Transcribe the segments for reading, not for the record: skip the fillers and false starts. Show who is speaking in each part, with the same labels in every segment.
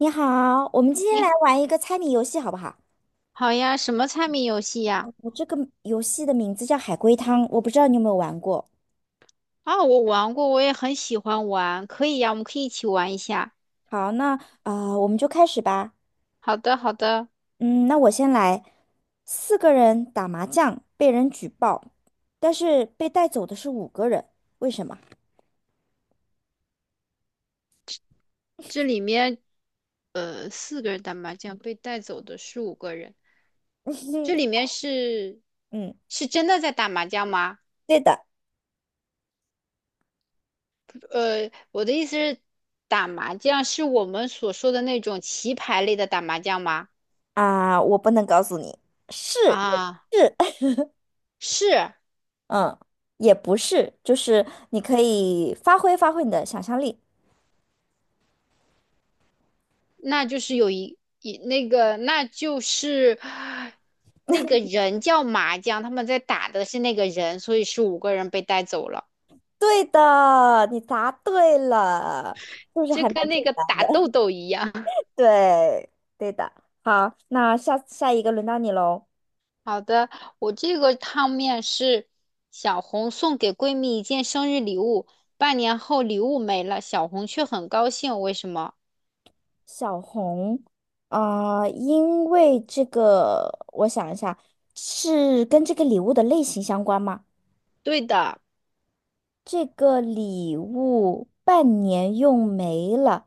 Speaker 1: 你好，我们今天来
Speaker 2: 你
Speaker 1: 玩一个猜谜游戏，好不好？
Speaker 2: 好呀，什么猜谜游戏呀？
Speaker 1: 我这个游戏的名字叫海龟汤，我不知道你有没有玩过。
Speaker 2: 啊，我玩过，我也很喜欢玩，可以呀，我们可以一起玩一下。
Speaker 1: 好，那我们就开始吧。
Speaker 2: 好的，好的，
Speaker 1: 嗯，那我先来。四个人打麻将被人举报，但是被带走的是五个人，为什么？
Speaker 2: 这里面四个人打麻将，被带走的是五个人，这里 面是
Speaker 1: 嗯，
Speaker 2: 是真的在打麻将吗？
Speaker 1: 对的
Speaker 2: 我的意思是，打麻将是我们所说的那种棋牌类的打麻将吗？
Speaker 1: 我不能告诉你，是
Speaker 2: 啊，
Speaker 1: 也是，
Speaker 2: 是。
Speaker 1: 嗯，也不是，就是你可以发挥你的想象力。
Speaker 2: 那就是有一一那个，那就是那个人叫麻将，他们在打的是那个人，所以是五个人被带走了。
Speaker 1: 对的，你答对了，是不是
Speaker 2: 就
Speaker 1: 还蛮
Speaker 2: 跟
Speaker 1: 简
Speaker 2: 那个
Speaker 1: 单
Speaker 2: 打
Speaker 1: 的？
Speaker 2: 豆豆一样。
Speaker 1: 对，对的。好，那下一个轮到你喽。
Speaker 2: 好的，我这个汤面是小红送给闺蜜一件生日礼物，半年后礼物没了，小红却很高兴，为什么？
Speaker 1: 小红。因为这个，我想一下，是跟这个礼物的类型相关吗？
Speaker 2: 对的。
Speaker 1: 这个礼物半年用没了，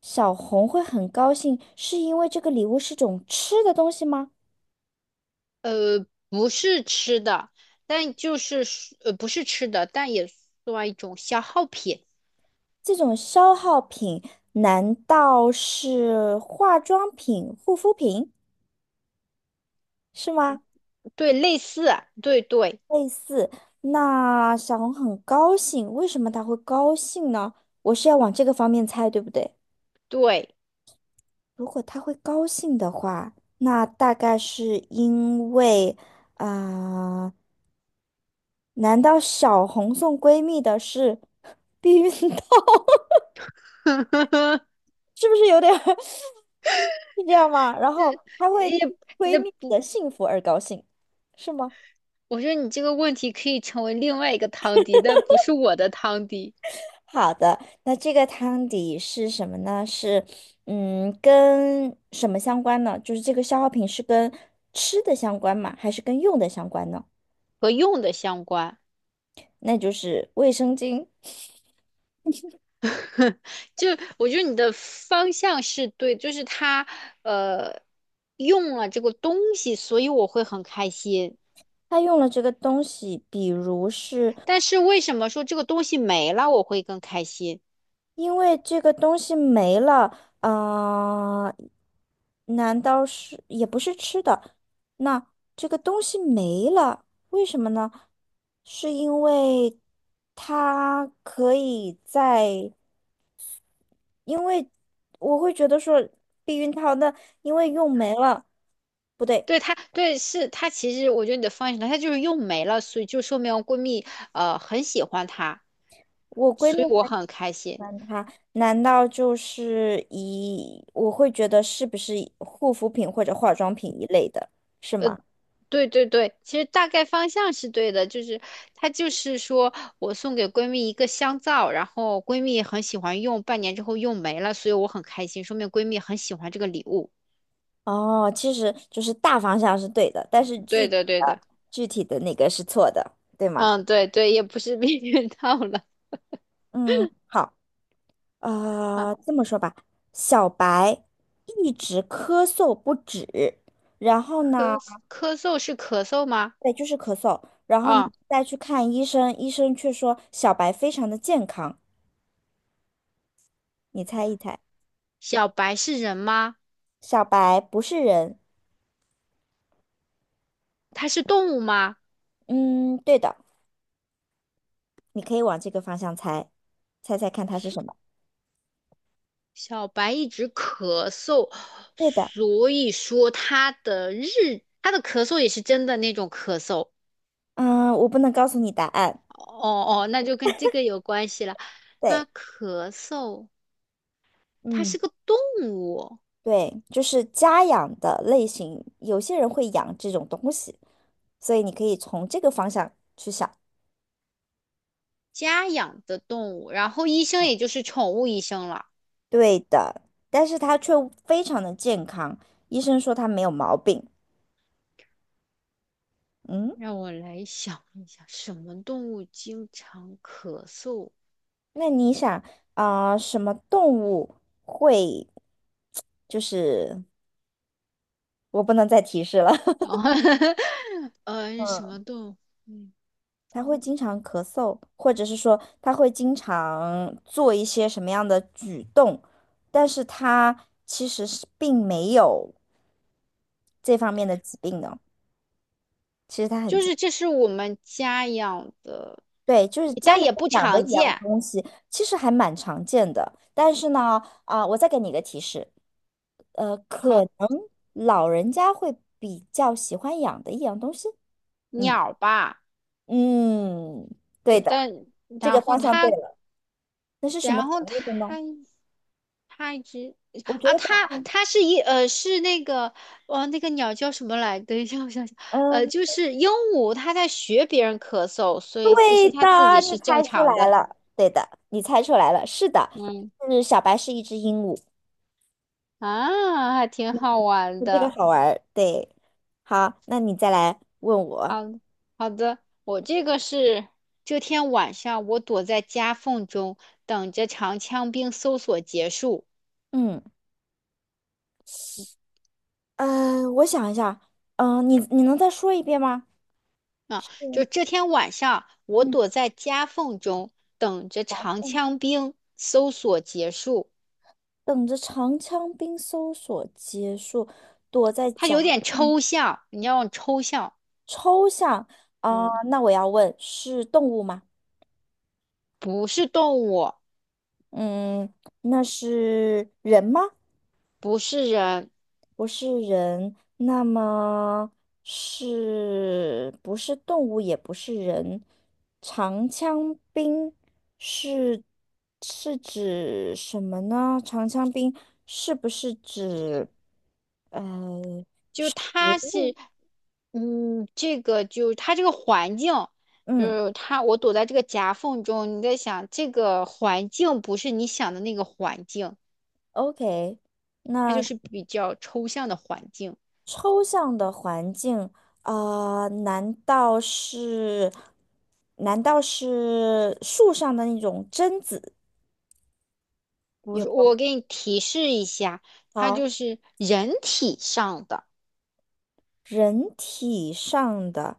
Speaker 1: 小红会很高兴，是因为这个礼物是种吃的东西吗？
Speaker 2: 不是吃的，但不是吃的，但也算一种消耗品。
Speaker 1: 这种消耗品难道是化妆品、护肤品是吗？
Speaker 2: 对，类似，对对
Speaker 1: 类似，那小红很高兴，为什么她会高兴呢？我是要往这个方面猜，对不对？
Speaker 2: 对。
Speaker 1: 如果她会高兴的话，那大概是因为，啊、难道小红送闺蜜的是 避孕套？是不是有点 是这样吗？然
Speaker 2: 这
Speaker 1: 后他会
Speaker 2: 也
Speaker 1: 为
Speaker 2: 那
Speaker 1: 蜜的
Speaker 2: 不，
Speaker 1: 幸福而高兴，是吗？
Speaker 2: 我觉得你这个问题可以成为另外一个汤底，但不是我的汤底。
Speaker 1: 好的，那这个汤底是什么呢？是嗯，跟什么相关呢？就是这个消耗品是跟吃的相关吗？还是跟用的相关呢？
Speaker 2: 和用的相关。
Speaker 1: 那就是卫生巾。
Speaker 2: 就我觉得你的方向是对，就是他呃用了这个东西，所以我会很开心。
Speaker 1: 她用了这个东西，比如是
Speaker 2: 但是为什么说这个东西没了我会更开心？
Speaker 1: 因为这个东西没了，啊，难道是也不是吃的？那这个东西没了，为什么呢？是因为它可以在，因为我会觉得说避孕套那因为用没了，不对，
Speaker 2: 对他，对是他，其实我觉得你的方向是对，他就是用没了，所以就说明闺蜜很喜欢他，
Speaker 1: 我闺蜜
Speaker 2: 所以我
Speaker 1: 很喜
Speaker 2: 很开心。
Speaker 1: 欢它，难道就是一，我会觉得是不是护肤品或者化妆品一类的，是
Speaker 2: 呃，
Speaker 1: 吗？
Speaker 2: 对对对，其实大概方向是对的，就是他就是说我送给闺蜜一个香皂，然后闺蜜很喜欢用，半年之后用没了，所以我很开心，说明闺蜜很喜欢这个礼物。
Speaker 1: 哦，其实就是大方向是对的，但是具
Speaker 2: 对
Speaker 1: 体
Speaker 2: 的对
Speaker 1: 的
Speaker 2: 的，
Speaker 1: 那个是错的，对吗？
Speaker 2: 嗯，对对，也不是避孕套了。
Speaker 1: 嗯，好，
Speaker 2: 啊，
Speaker 1: 呃，这么说吧。小白一直咳嗽不止，然后呢，
Speaker 2: 咳咳嗽是咳嗽吗？
Speaker 1: 对，就是咳嗽，然后呢
Speaker 2: 啊，
Speaker 1: 再去看医生，医生却说小白非常的健康，你猜一猜。
Speaker 2: 小白是人吗？
Speaker 1: 小白不是人，
Speaker 2: 它是动物吗？
Speaker 1: 嗯，对的，你可以往这个方向猜，猜猜看它是什么？
Speaker 2: 小白一直咳嗽，
Speaker 1: 对的，
Speaker 2: 所以说他的咳嗽也是真的那种咳嗽。
Speaker 1: 嗯，我不能告诉你答案，
Speaker 2: 哦哦，那就跟这个有关系了。他
Speaker 1: 对，
Speaker 2: 咳嗽，他
Speaker 1: 嗯。
Speaker 2: 是个动物，
Speaker 1: 对，就是家养的类型，有些人会养这种东西，所以你可以从这个方向去想。
Speaker 2: 家养的动物，然后医生也就是宠物医生了。
Speaker 1: 对的，但是它却非常的健康，医生说它没有毛病。嗯，
Speaker 2: 让我来想一想，什么动物经常咳嗽？
Speaker 1: 那你想什么动物会，就是我不能再提示了。
Speaker 2: 哦，什
Speaker 1: 嗯，
Speaker 2: 么动物？嗯，
Speaker 1: 它会经常咳嗽，或者是说它会经常做一些什么样的举动，但是它其实是并没有。这方面的疾病呢，其实它很
Speaker 2: 就
Speaker 1: 健
Speaker 2: 是这是我们家养的，
Speaker 1: 对，就是家
Speaker 2: 但
Speaker 1: 里
Speaker 2: 也
Speaker 1: 会
Speaker 2: 不
Speaker 1: 养的
Speaker 2: 常
Speaker 1: 一样
Speaker 2: 见。
Speaker 1: 东西，其实还蛮常见的。但是呢，我再给你一个提示。可
Speaker 2: 好，
Speaker 1: 能老人家会比较喜欢养的一样东西。嗯
Speaker 2: 鸟吧，
Speaker 1: 嗯，对
Speaker 2: 对，
Speaker 1: 的，
Speaker 2: 但
Speaker 1: 这个
Speaker 2: 然后
Speaker 1: 方向对
Speaker 2: 它，
Speaker 1: 了。那是什么
Speaker 2: 然后
Speaker 1: 种
Speaker 2: 它，
Speaker 1: 类的呢？
Speaker 2: 它一直
Speaker 1: 我觉
Speaker 2: 啊，
Speaker 1: 得答
Speaker 2: 它
Speaker 1: 案，
Speaker 2: 它是一呃是那个哦，那个鸟叫什么来？等一下，我想想，
Speaker 1: 嗯，
Speaker 2: 就是鹦鹉，它在学别人咳嗽，所以其
Speaker 1: 对
Speaker 2: 实它
Speaker 1: 的，
Speaker 2: 自己
Speaker 1: 你
Speaker 2: 是正
Speaker 1: 猜出
Speaker 2: 常
Speaker 1: 来
Speaker 2: 的。
Speaker 1: 了，对的，你猜出来了，是的，
Speaker 2: 嗯，
Speaker 1: 是小白是一只鹦鹉。
Speaker 2: 啊，还挺好玩
Speaker 1: 这个
Speaker 2: 的。
Speaker 1: 好玩儿，对。好，那你再来问我。
Speaker 2: 好，好的，我这个是这天晚上，我躲在夹缝中，等着长枪兵搜索结束。
Speaker 1: 嗯，我想一下，你能再说一遍吗？
Speaker 2: 啊，就
Speaker 1: 嗯
Speaker 2: 这天晚上，我
Speaker 1: 嗯
Speaker 2: 躲在夹缝中，等着长
Speaker 1: 嗯，
Speaker 2: 枪兵搜索结束。
Speaker 1: 等着长枪兵搜索结束，躲在
Speaker 2: 它有
Speaker 1: 夹
Speaker 2: 点
Speaker 1: 缝
Speaker 2: 抽象，你要抽象。
Speaker 1: 抽象
Speaker 2: 嗯，
Speaker 1: 那我要问，是动物吗？
Speaker 2: 不是动物，
Speaker 1: 嗯，那是人吗？
Speaker 2: 不是人，
Speaker 1: 不是人，那么是不是动物，也不是人？长枪兵是是指什么呢？长枪兵是不是指呃
Speaker 2: 就是它是，嗯，这个就是它这个环境，就
Speaker 1: 嗯
Speaker 2: 是它，我躲在这个夹缝中，你在想这个环境不是你想的那个环境，
Speaker 1: ，OK，
Speaker 2: 它就
Speaker 1: 那
Speaker 2: 是比较抽象的环境。
Speaker 1: 抽象的环境难道是难道是树上的那种榛子？
Speaker 2: 我
Speaker 1: 有
Speaker 2: 说我
Speaker 1: 没有？
Speaker 2: 给你提示一下，它就
Speaker 1: 好
Speaker 2: 是人体上的，
Speaker 1: 人体上的，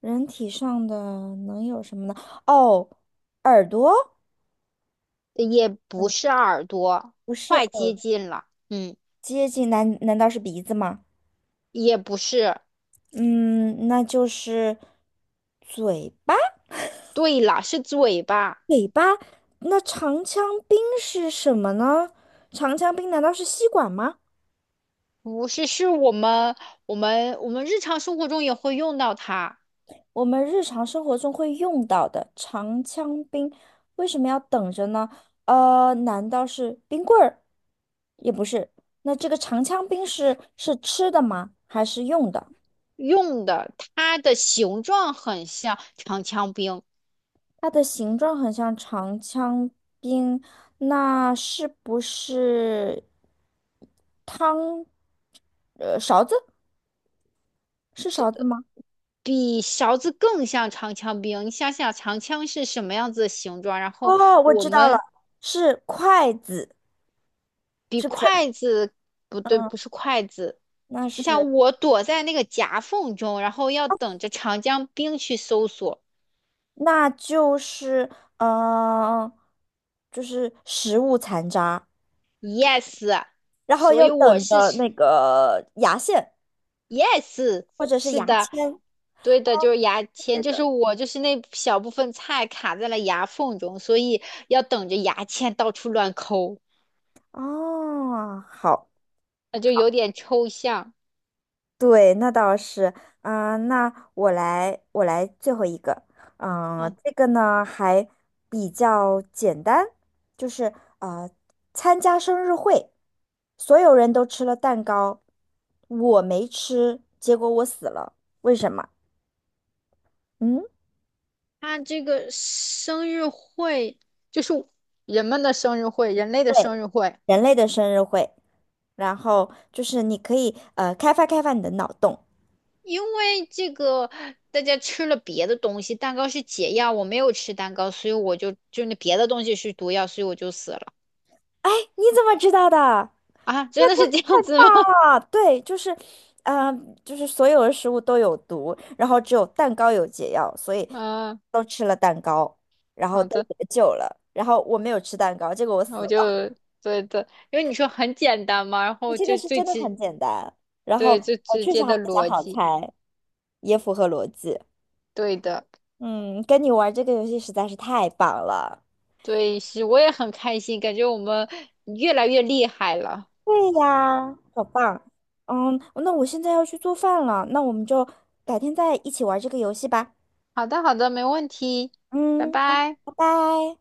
Speaker 1: 人体上的能有什么呢？哦，耳朵
Speaker 2: 也不是耳朵，
Speaker 1: 不是
Speaker 2: 快
Speaker 1: 耳
Speaker 2: 接近了。嗯，
Speaker 1: 接近，难是鼻子吗？
Speaker 2: 也不是，
Speaker 1: 嗯，那就是嘴巴。
Speaker 2: 对了，是嘴巴。
Speaker 1: 那长枪兵是什么呢？长枪兵难道是吸管吗？
Speaker 2: 不是，是我们我们日常生活中也会用到它。
Speaker 1: 我们日常生活中会用到的长枪兵，为什么要等着呢？难道是冰棍儿？也不是。那这个长枪兵是是吃的吗？还是用的？
Speaker 2: 用的，它的形状很像长枪兵，
Speaker 1: 它的形状很像长枪兵，那是不是汤？勺子？是勺子吗？
Speaker 2: 比勺子更像长枪兵。你想想，长枪是什么样子的形状？然后
Speaker 1: 哦，我
Speaker 2: 我
Speaker 1: 知道了，
Speaker 2: 们
Speaker 1: 是筷子，
Speaker 2: 比
Speaker 1: 是不是？
Speaker 2: 筷子，不对，不是筷子。
Speaker 1: 那
Speaker 2: 你
Speaker 1: 是。
Speaker 2: 想，我躲在那个夹缝中，然后要等着长江兵去搜索。
Speaker 1: 那就是嗯、呃就是食物残渣，
Speaker 2: Yes，
Speaker 1: 然后
Speaker 2: 所以
Speaker 1: 又
Speaker 2: 我
Speaker 1: 等
Speaker 2: 是
Speaker 1: 着那个牙线
Speaker 2: Yes，
Speaker 1: 或者是
Speaker 2: 是
Speaker 1: 牙
Speaker 2: 的，
Speaker 1: 签。
Speaker 2: 对的，就是牙签，就是我就是那小部分菜卡在了牙缝中，所以要等着牙签到处乱抠，
Speaker 1: 哦，好，
Speaker 2: 那就有点抽象
Speaker 1: 对，那倒是。那我来，我来最后一个。
Speaker 2: 啊。
Speaker 1: 这个呢还比较简单，就是呃，参加生日会，所有人都吃了蛋糕，我没吃，结果我死了，为什么？嗯。
Speaker 2: 他这个生日会就是人们的生日会，人类的生
Speaker 1: 对。
Speaker 2: 日会，
Speaker 1: 人类的生日会，然后就是你可以开发你的脑洞。
Speaker 2: 因为这个大家吃了别的东西，蛋糕是解药，我没有吃蛋糕，所以我就那别的东西是毒药，所以我就死了。
Speaker 1: 哎，你怎么知道的？
Speaker 2: 啊，真的是这样子吗？
Speaker 1: 啊，对，就是，嗯，就是所有的食物都有毒，然后只有蛋糕有解药，所以
Speaker 2: 啊，
Speaker 1: 都吃了蛋糕，然后
Speaker 2: 好
Speaker 1: 都
Speaker 2: 的。
Speaker 1: 得救了。然后我没有吃蛋糕，结果我
Speaker 2: 然后
Speaker 1: 死
Speaker 2: 我
Speaker 1: 了。
Speaker 2: 就对的，因为你说很简单嘛，然
Speaker 1: 你
Speaker 2: 后
Speaker 1: 这个
Speaker 2: 就
Speaker 1: 是
Speaker 2: 最
Speaker 1: 真的
Speaker 2: 直，
Speaker 1: 很简单，然后
Speaker 2: 对，最
Speaker 1: 我
Speaker 2: 直
Speaker 1: 确实
Speaker 2: 接
Speaker 1: 还
Speaker 2: 的
Speaker 1: 比较
Speaker 2: 逻
Speaker 1: 好
Speaker 2: 辑。
Speaker 1: 猜，也符合逻辑。
Speaker 2: 对的，
Speaker 1: 嗯，跟你玩这个游戏实在是太棒了。
Speaker 2: 对，是，我也很开心，感觉我们越来越厉害了。
Speaker 1: 对呀，好棒。嗯，那我现在要去做饭了，那我们就改天再一起玩这个游戏吧。
Speaker 2: 好的，好的，没问题，拜
Speaker 1: 嗯，好
Speaker 2: 拜。
Speaker 1: 拜拜。